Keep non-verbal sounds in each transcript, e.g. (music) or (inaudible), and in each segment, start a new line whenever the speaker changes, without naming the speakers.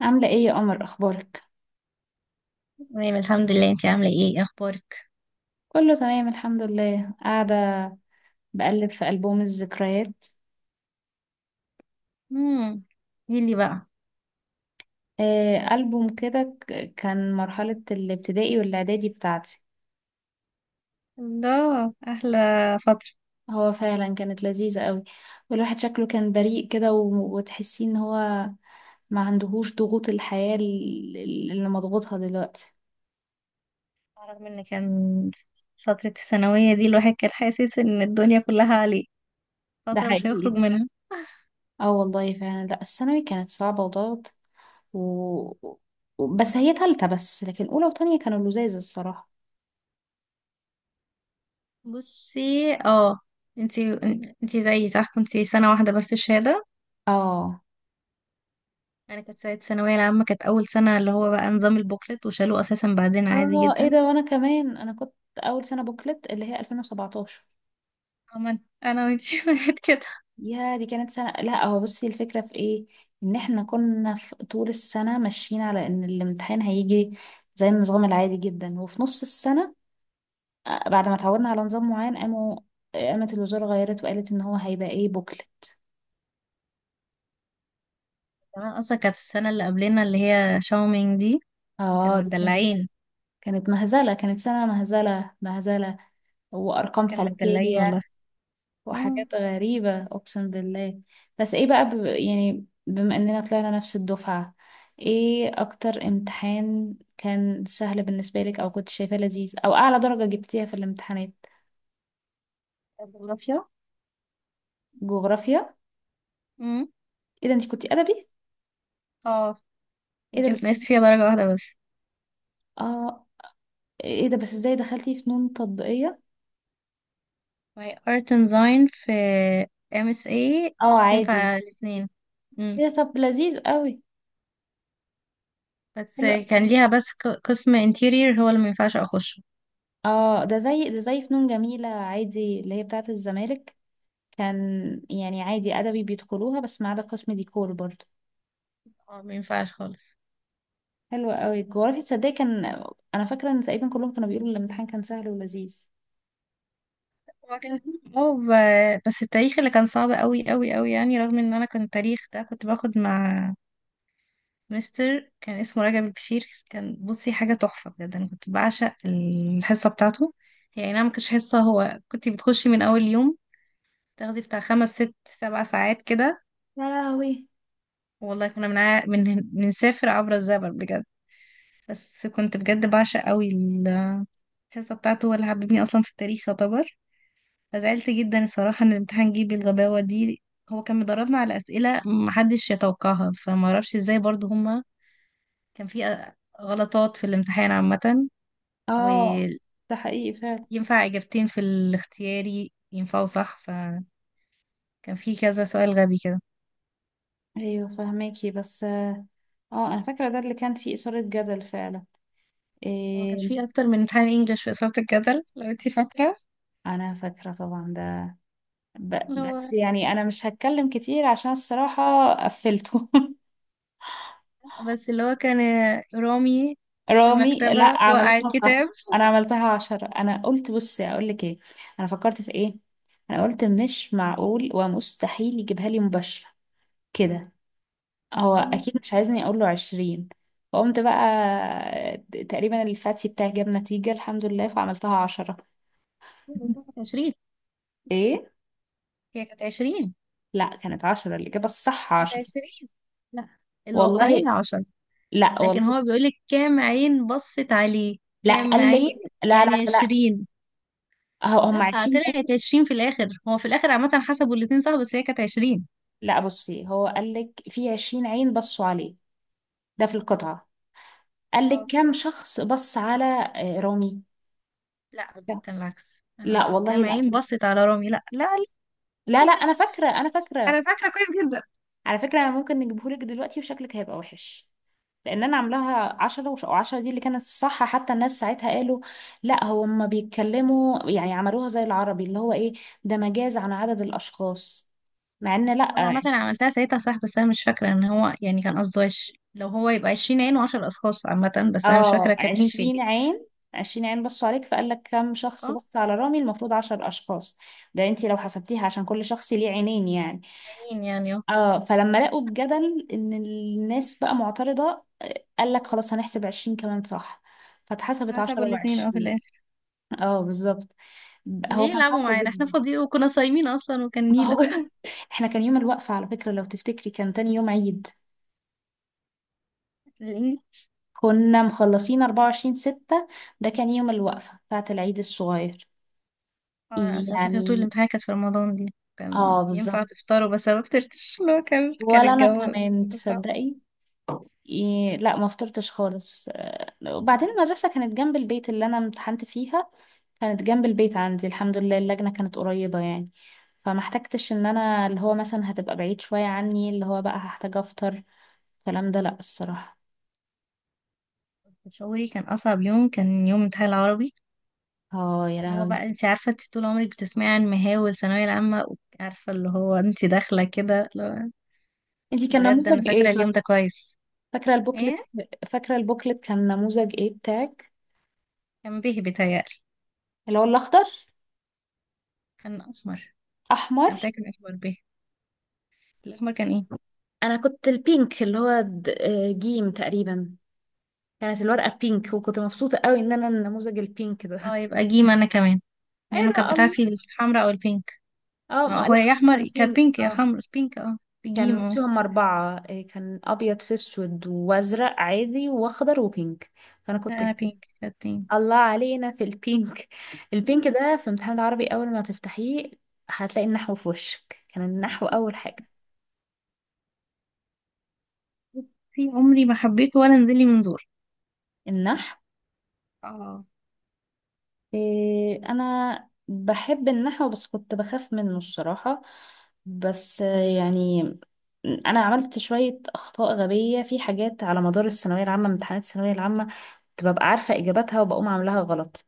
عاملة ايه يا قمر اخبارك؟
تمام الحمد لله. انتي عاملة ايه؟ اخبارك؟
كله تمام الحمد لله، قاعدة بقلب في ألبوم الذكريات.
امم. قولي بقى.
آه، ألبوم كده كان مرحلة الابتدائي والإعدادي بتاعتي.
الله، احلى فترة.
هو فعلا كانت لذيذة قوي، والواحد شكله كان بريء كده وتحسي ان هو ما عندهوش ضغوط الحياة اللي مضغوطها دلوقتي.
رغم ان كان فترة الثانوية دي الواحد كان حاسس ان الدنيا كلها عليه،
ده
فترة مش هيخرج
حقيقي.
منها.
اه والله فعلا، لا الثانوي كانت صعبة وضغط و... بس هي تالتة بس، لكن أولى وتانية كانوا لذاذ الصراحة.
بصي، اه. انتي انتي زيي صح؟ كنتي سنة واحدة بس الشهادة؟
اه.
انا كانت سنة الثانوية العامة، كانت اول سنة اللي هو بقى نظام البوكلت وشالوه اساسا بعدين، عادي
اه ايه
جدا.
ده، وانا كمان انا كنت اول سنه بوكلت اللي هي 2017.
عمل، انا وانتي (laughs) واحد كده.
يا دي كانت سنه. لا هو بصي الفكره في ايه، ان احنا كنا في طول السنه ماشيين على ان الامتحان هيجي زي النظام العادي جدا، وفي نص السنه بعد ما اتعودنا على نظام معين قامت الوزاره غيرت وقالت ان هو هيبقى ايه بوكلت.
كمان اصلا كانت السنة اللي قبلنا اللي هي شاومينج دي كانوا
اه دي كانت
مدلعين.
كانت مهزله، كانت سنه مهزله مهزله،
بس
وارقام
كانوا متدلعين
فلكيه
والله. اه،
وحاجات غريبة أقسم بالله. بس إيه بقى يعني بما إننا طلعنا نفس الدفعة، إيه أكتر امتحان كان سهل بالنسبة لك، أو كنت شايفاه لذيذ، أو أعلى درجة جبتيها في الامتحانات؟
الجغرافيا.
جغرافيا؟
امم.
إيه ده، أنت كنتي أدبي؟
اه،
إيه ده
جبت
بس.
ناقص فيها درجة واحدة بس.
آه. إيه ده بس، إزاي دخلتي فنون تطبيقية؟
my art and design في MSA
آه عادي.
تنفع الاتنين. امم.
إيه ده، طب لذيذ قوي.
بس
حلو
كان
قوي.
ليها بس قسم interior هو اللي مينفعش اخشه.
آه، ده زي فنون جميلة عادي اللي هي بتاعة الزمالك. كان يعني عادي أدبي بيدخلوها، بس ما عدا قسم ديكور برضه.
اه مينفعش خالص.
حلو قوي. جغرافيا، تصدقي كان انا فاكره ان تقريبا كلهم كانوا بيقولوا الامتحان كان سهل ولذيذ.
هو كان، اه، بس التاريخ اللي كان صعب قوي قوي قوي يعني. رغم ان انا كان التاريخ ده كنت باخد مع مستر كان اسمه رجب البشير. كان، بصي، حاجة تحفة بجد. أنا كنت بعشق الحصة بتاعته. هي أي نعم مكانتش حصة، هو كنت بتخشي من أول يوم تاخدي بتاع خمس ست سبع ساعات كده.
يا لهوي.
والله كنا بنسافر عبر الزمن بجد. بس كنت بجد بعشق قوي الحصة بتاعته. هو اللي حببني أصلا في التاريخ يعتبر. فزعلت جدا الصراحة إن الامتحان جه بالغباوة دي. هو كان مدربنا على أسئلة محدش يتوقعها، فمعرفش ازاي برضو هما. كان في غلطات في الامتحان عامة.
اه ده حقيقي فعلا.
ينفع إجابتين في الاختياري ينفعوا صح، فكان في كذا سؤال غبي كده.
ايوه فهماكي بس، اه. آه، انا فاكره ده اللي كان فيه اثاره جدل فعلا.
هو كان
إيه؟
في أكتر من امتحان إنجليش في إثارة الجدل لو أنتي فاكرة.
انا فاكره طبعا ده، ب...
اللي هو،
بس يعني انا مش هتكلم كتير عشان الصراحه قفلته (laughs)
بس اللي هو كان رامي في
رامي؟ لا
المكتبة وقع
عملوها صح،
الكتاب.
انا عملتها 10، انا قلت بصي اقول لك ايه. انا فكرت في ايه؟ انا قلت مش معقول ومستحيل يجيبها لي مباشره كده، هو
مم.
اكيد مش عايزني اقول له 20. فقمت بقى تقريبا الفاتي بتاعي جاب نتيجة الحمد لله، فعملتها 10.
بس كانت عشرين.
ايه؟
هي كانت عشرين.
لا كانت 10، الاجابة الصح
كانت
10.
عشرين. لا،
والله.
الواقعية عشر.
لا
لكن
والله
هو بيقولك كام عين بصت عليه.
لا.
كام
قال
عين،
لك لا لا
يعني
لا لا.
عشرين.
هم
لا،
20 عين.
طلعت عشرين في الآخر. هو في الآخر عامة حسبوا الاتنين صح، بس هي كانت عشرين.
لا بصي، هو قال لك في 20 عين بصوا عليه، ده في القطعة. قال لك كم شخص بص على رامي.
لا
لا.
كان العكس، انا
لا والله
كام
لا.
عين بصت على رامي. لا لا لا.
لا
بصي،
لا،
لا
انا
بصي
فاكرة،
بصي.
انا فاكرة.
انا فاكره كويس جدا.
على فكرة أنا ممكن نجيبهولك دلوقتي وشكلك هيبقى وحش، لان انا عاملاها 10 و10 دي اللي كانت الصح. حتى الناس ساعتها قالوا لا، هو هما بيتكلموا يعني عملوها زي العربي اللي هو ايه، ده مجاز عن عدد الاشخاص. مع ان لا
انا عامه عملتها ساعتها صح، بس انا مش فاكره ان هو يعني كان قصده لو هو يبقى 20 عين و10 اشخاص عامه، بس انا مش
اه
فاكره كان مين فين.
20 عين. 20 عين بصوا عليك، فقال لك كم شخص
اه،
بص على رامي؟ المفروض 10 اشخاص. ده انتي لو حسبتيها عشان كل شخص ليه عينين يعني.
عينين يعني، اه.
اه. فلما لقوا الجدل ان الناس بقى معترضة، قال لك خلاص هنحسب 20 كمان صح، فاتحسبت
حسبوا
10
الاثنين اه في
و20.
الاخر.
اه بالظبط. هو
ليه
كان
يلعبوا
صعب
معانا احنا
جدا.
فاضيين؟ وكنا صايمين اصلا وكان
ما
نيله.
هو. (laughs) احنا كان يوم الوقفة على فكرة لو تفتكري كان تاني يوم عيد،
ليه؟
كنا مخلصين 24 ستة، ده كان يوم الوقفة بتاعة العيد الصغير
اه، انا أصل أنا فاكره طول
يعني.
الامتحان كانت في رمضان دي كان
اه
ينفع
بالظبط.
تفطروا، بس انا ما فطرتش. اللي هو كان
ولا انا
الجو
كمان،
كان صعب.
تصدقي؟ إيه لا، ما فطرتش خالص. وبعدين المدرسة كانت جنب البيت اللي انا امتحنت فيها، كانت جنب البيت عندي الحمد لله، اللجنة كانت قريبة يعني، فما احتجتش ان انا اللي هو مثلا هتبقى بعيد شوية عني، اللي هو بقى هحتاج افطر الكلام ده لا الصراحة.
شعوري كان أصعب يوم كان يوم امتحان العربي.
اه يا
اللي هو
لهوي.
بقى انت عارفة انت طول عمرك بتسمعي عن مهاول ثانوية العامة، عارفة، اللي هو انت داخلة كده، اللي هو،
انتي كان
بجد أنا
نموذج ايه
فاكرة
طيب؟
اليوم ده كويس.
فاكرة البوكلت؟
ايه،
فاكرة البوكلت كان نموذج ايه بتاعك؟
كان به بيتهيألي.
اللي هو الاخضر؟
كان أحمر.
احمر؟
أنا متأكدة كان أحمر به. الأحمر كان ايه؟
انا كنت البينك، اللي هو جيم تقريبا. كانت الورقه بينك، وكنت مبسوطه قوي ان انا النموذج البينك ده
اه
(laughs)
يبقى جيم أنا كمان.
ايه
لأنه كانت
ده؟ الله.
بتاعتي الحمراء أو البينك.
اه
ما
ما
هو
لا.
يا أحمر
كان
كانت
بينك
بينك، يا
اه.
حمرا بينك، اه. بجيم
كان
اه.
بصي هم أربعة، كان أبيض في أسود، وأزرق عادي، وأخضر، وبينك. فأنا
لا
كنت
أنا
البينك.
بينك، كانت بينك.
(laughs) الله علينا في البينك. البينك ده في امتحان العربي، أول ما تفتحيه هتلاقي النحو في وشك، كان النحو أول حاجة.
في (laughs) عمري ما حبيته ولا نزل لي منظور.
النحو؟
اه.
إيه أنا بحب النحو بس كنت بخاف منه الصراحة. بس يعني أنا عملت شوية أخطاء غبية في حاجات على مدار الثانوية العامة، امتحانات الثانوية العامة كنت ببقى عارفة إجاباتها وبقوم عاملاها غلط.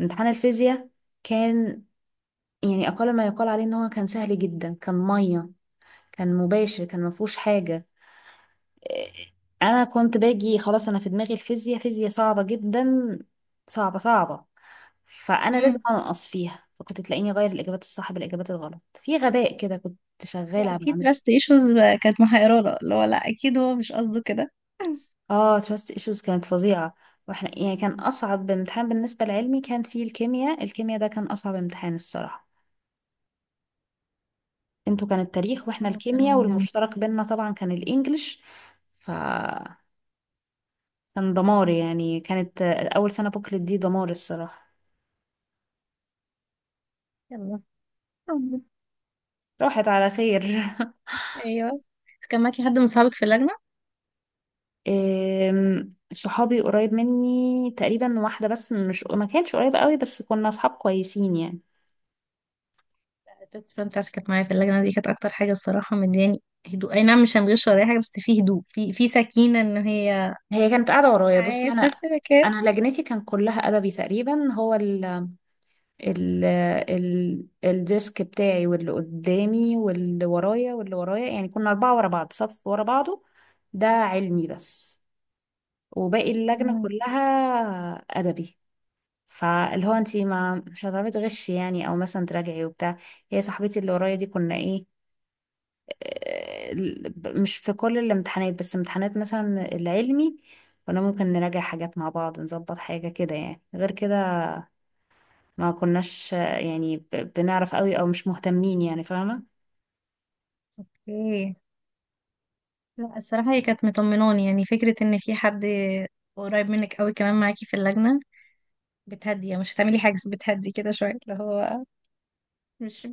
امتحان الفيزياء كان يعني أقل ما يقال عليه إن هو كان سهل جدا، كان 100، كان مباشر، كان مفهوش حاجة. إيه، أنا كنت باجي خلاص أنا في دماغي الفيزياء فيزياء صعبة جدا، صعبة صعبة، فأنا لازم أنقص فيها، فكنت تلاقيني أغير الإجابات الصح بالإجابات الغلط في غباء كده، كنت
لا
شغالة
اكيد
بعمله.
تراست ايشوز كانت محيرانا، اللي هو لا اكيد هو مش قصده كده.
اه تراست ايشوز كانت فظيعة. واحنا يعني كان أصعب امتحان بالنسبة لعلمي كان فيه الكيمياء، الكيمياء ده كان أصعب امتحان الصراحة. انتوا كان التاريخ، واحنا
آه،
الكيمياء،
كانوا.
والمشترك بينا طبعا كان الانجليش، فكان دمار يعني، كانت اول سنة بوكلت دي دمار الصراحة.
يلا، حب.
راحت على خير (laughs)
ايوه. كان معاكي حد من صحابك في اللجنه؟
صحابي قريب مني تقريبا واحدة بس، مش ما كانتش قريبة قوي، بس كنا صحاب كويسين يعني.
البيست فريند بتاعتي كانت معايا في اللجنة دي. كانت أكتر حاجة الصراحة مدياني هدوء. أي نعم مش هنغش ولا أي حاجة، بس في هدوء، في سكينة إن هي
هي كانت قاعدة ورايا. بصي
معايا في
انا
نفس المكان.
انا لجنتي كان كلها ادبي تقريبا، هو ال ال الديسك بتاعي واللي قدامي واللي ورايا يعني، كنا أربعة ورا بعض صف ورا بعضه، ده علمي بس، وباقي اللجنة
مم.
كلها أدبي. فاللي هو انتي ما مش هتعرفي تغشي يعني، او مثلا تراجعي وبتاع. هي صاحبتي اللي ورايا دي كنا ايه، آه، مش في كل الامتحانات، بس امتحانات مثلا العلمي كنا ممكن نراجع حاجات مع بعض، نظبط حاجة كده يعني، غير كده ما كناش يعني بنعرف قوي او مش مهتمين يعني، فاهمة؟
اوكي. لا الصراحة هي كانت مطمناني. يعني فكرة إن في حد قريب منك أوي كمان معاكي في اللجنة، بتهدي، يعني مش هتعملي حاجة بس بتهدي كده شوية. اللي هو مش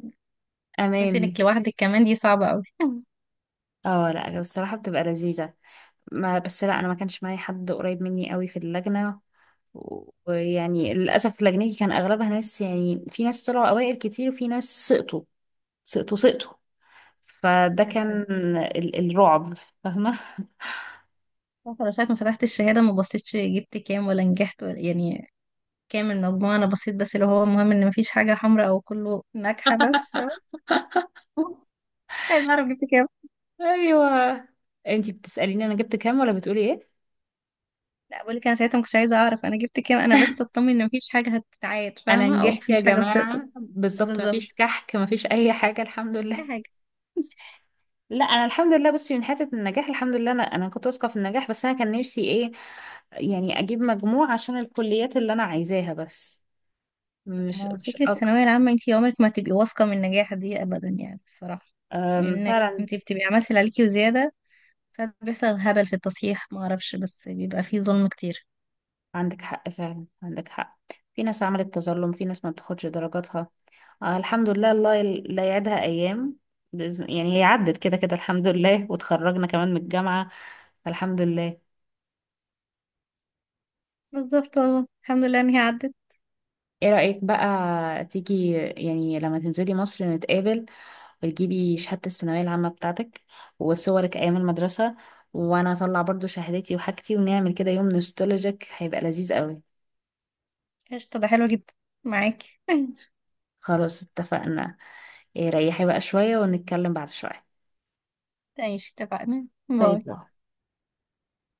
تحسي
امان.
انك لوحدك، كمان دي صعبة قوي (laughs)
اه لا الصراحة بتبقى لذيذة، ما بس لا انا ما كانش معايا حد قريب مني قوي في اللجنة، ويعني للاسف لجنتي كان اغلبها ناس، يعني في ناس طلعوا اوائل كتير وفي ناس سقطوا سقطوا سقطوا، فده
الكارثة
كان
دي.
الرعب، فاهمة؟
عارفة (laughs) انا ساعة ما فتحت الشهادة ما بصيتش جبت كام ولا نجحت ولا يعني كام المجموع. انا بصيت بس اللي هو المهم ان مفيش حاجة حمراء او كله ناجحة بس (laughs) عايز اعرف جبت كام؟
(laughs) ايوه. انتي بتسأليني انا جبت كام ولا بتقولي ايه؟
لا بقول لك انا ساعتها ما كنتش عايزة اعرف انا جبت كام. انا بس
(laughs)
اطمن ان مفيش حاجة هتتعاد
انا
فاهمة، او
نجحت يا
مفيش حاجة سقطت.
جماعة بالظبط، مفيش
بالظبط.
كحك مفيش اي حاجة الحمد
مش اي
لله.
حاجة.
لا انا الحمد لله، بصي من حته النجاح الحمد لله، انا كنت واثقه في النجاح، بس انا كان نفسي ايه، يعني اجيب مجموع عشان الكليات اللي انا عايزاها بس، مش
ما هو
مش
فكرة
أك...
الثانوية العامة انتي عمرك ما هتبقي واثقة من النجاح دي ابدا يعني الصراحة.
أم،
لانك
فعلا.
انتي بتبقي عملتي اللي عليكي وزيادة. ساعات بيحصل هبل في التصحيح ما اعرفش، بس بيبقى فيه ظلم كتير.
عندك حق فعلا، عندك حق. في ناس عملت تظلم، في ناس ما بتاخدش درجاتها. آه الحمد لله، الله لا يعدها ايام، يعني هي عدت كده كده الحمد لله، وتخرجنا كمان من الجامعه الحمد لله.
بالظبط والله الحمد لله ان هي عدت.
ايه رأيك بقى تيجي يعني لما تنزلي مصر نتقابل، وتجيبي شهادة الثانوية العامة بتاعتك، وصورك أيام المدرسة، وأنا أطلع برضو شهادتي وحاجتي، ونعمل كده يوم نوستولوجيك هيبقى لذيذ قوي؟
قشطة، ده حلو جدا. معاكي (laughs)
خلاص اتفقنا. إيه، ريحي بقى شوية ونتكلم بعد شوية.
ماشي اتفقنا، باي.
طيب.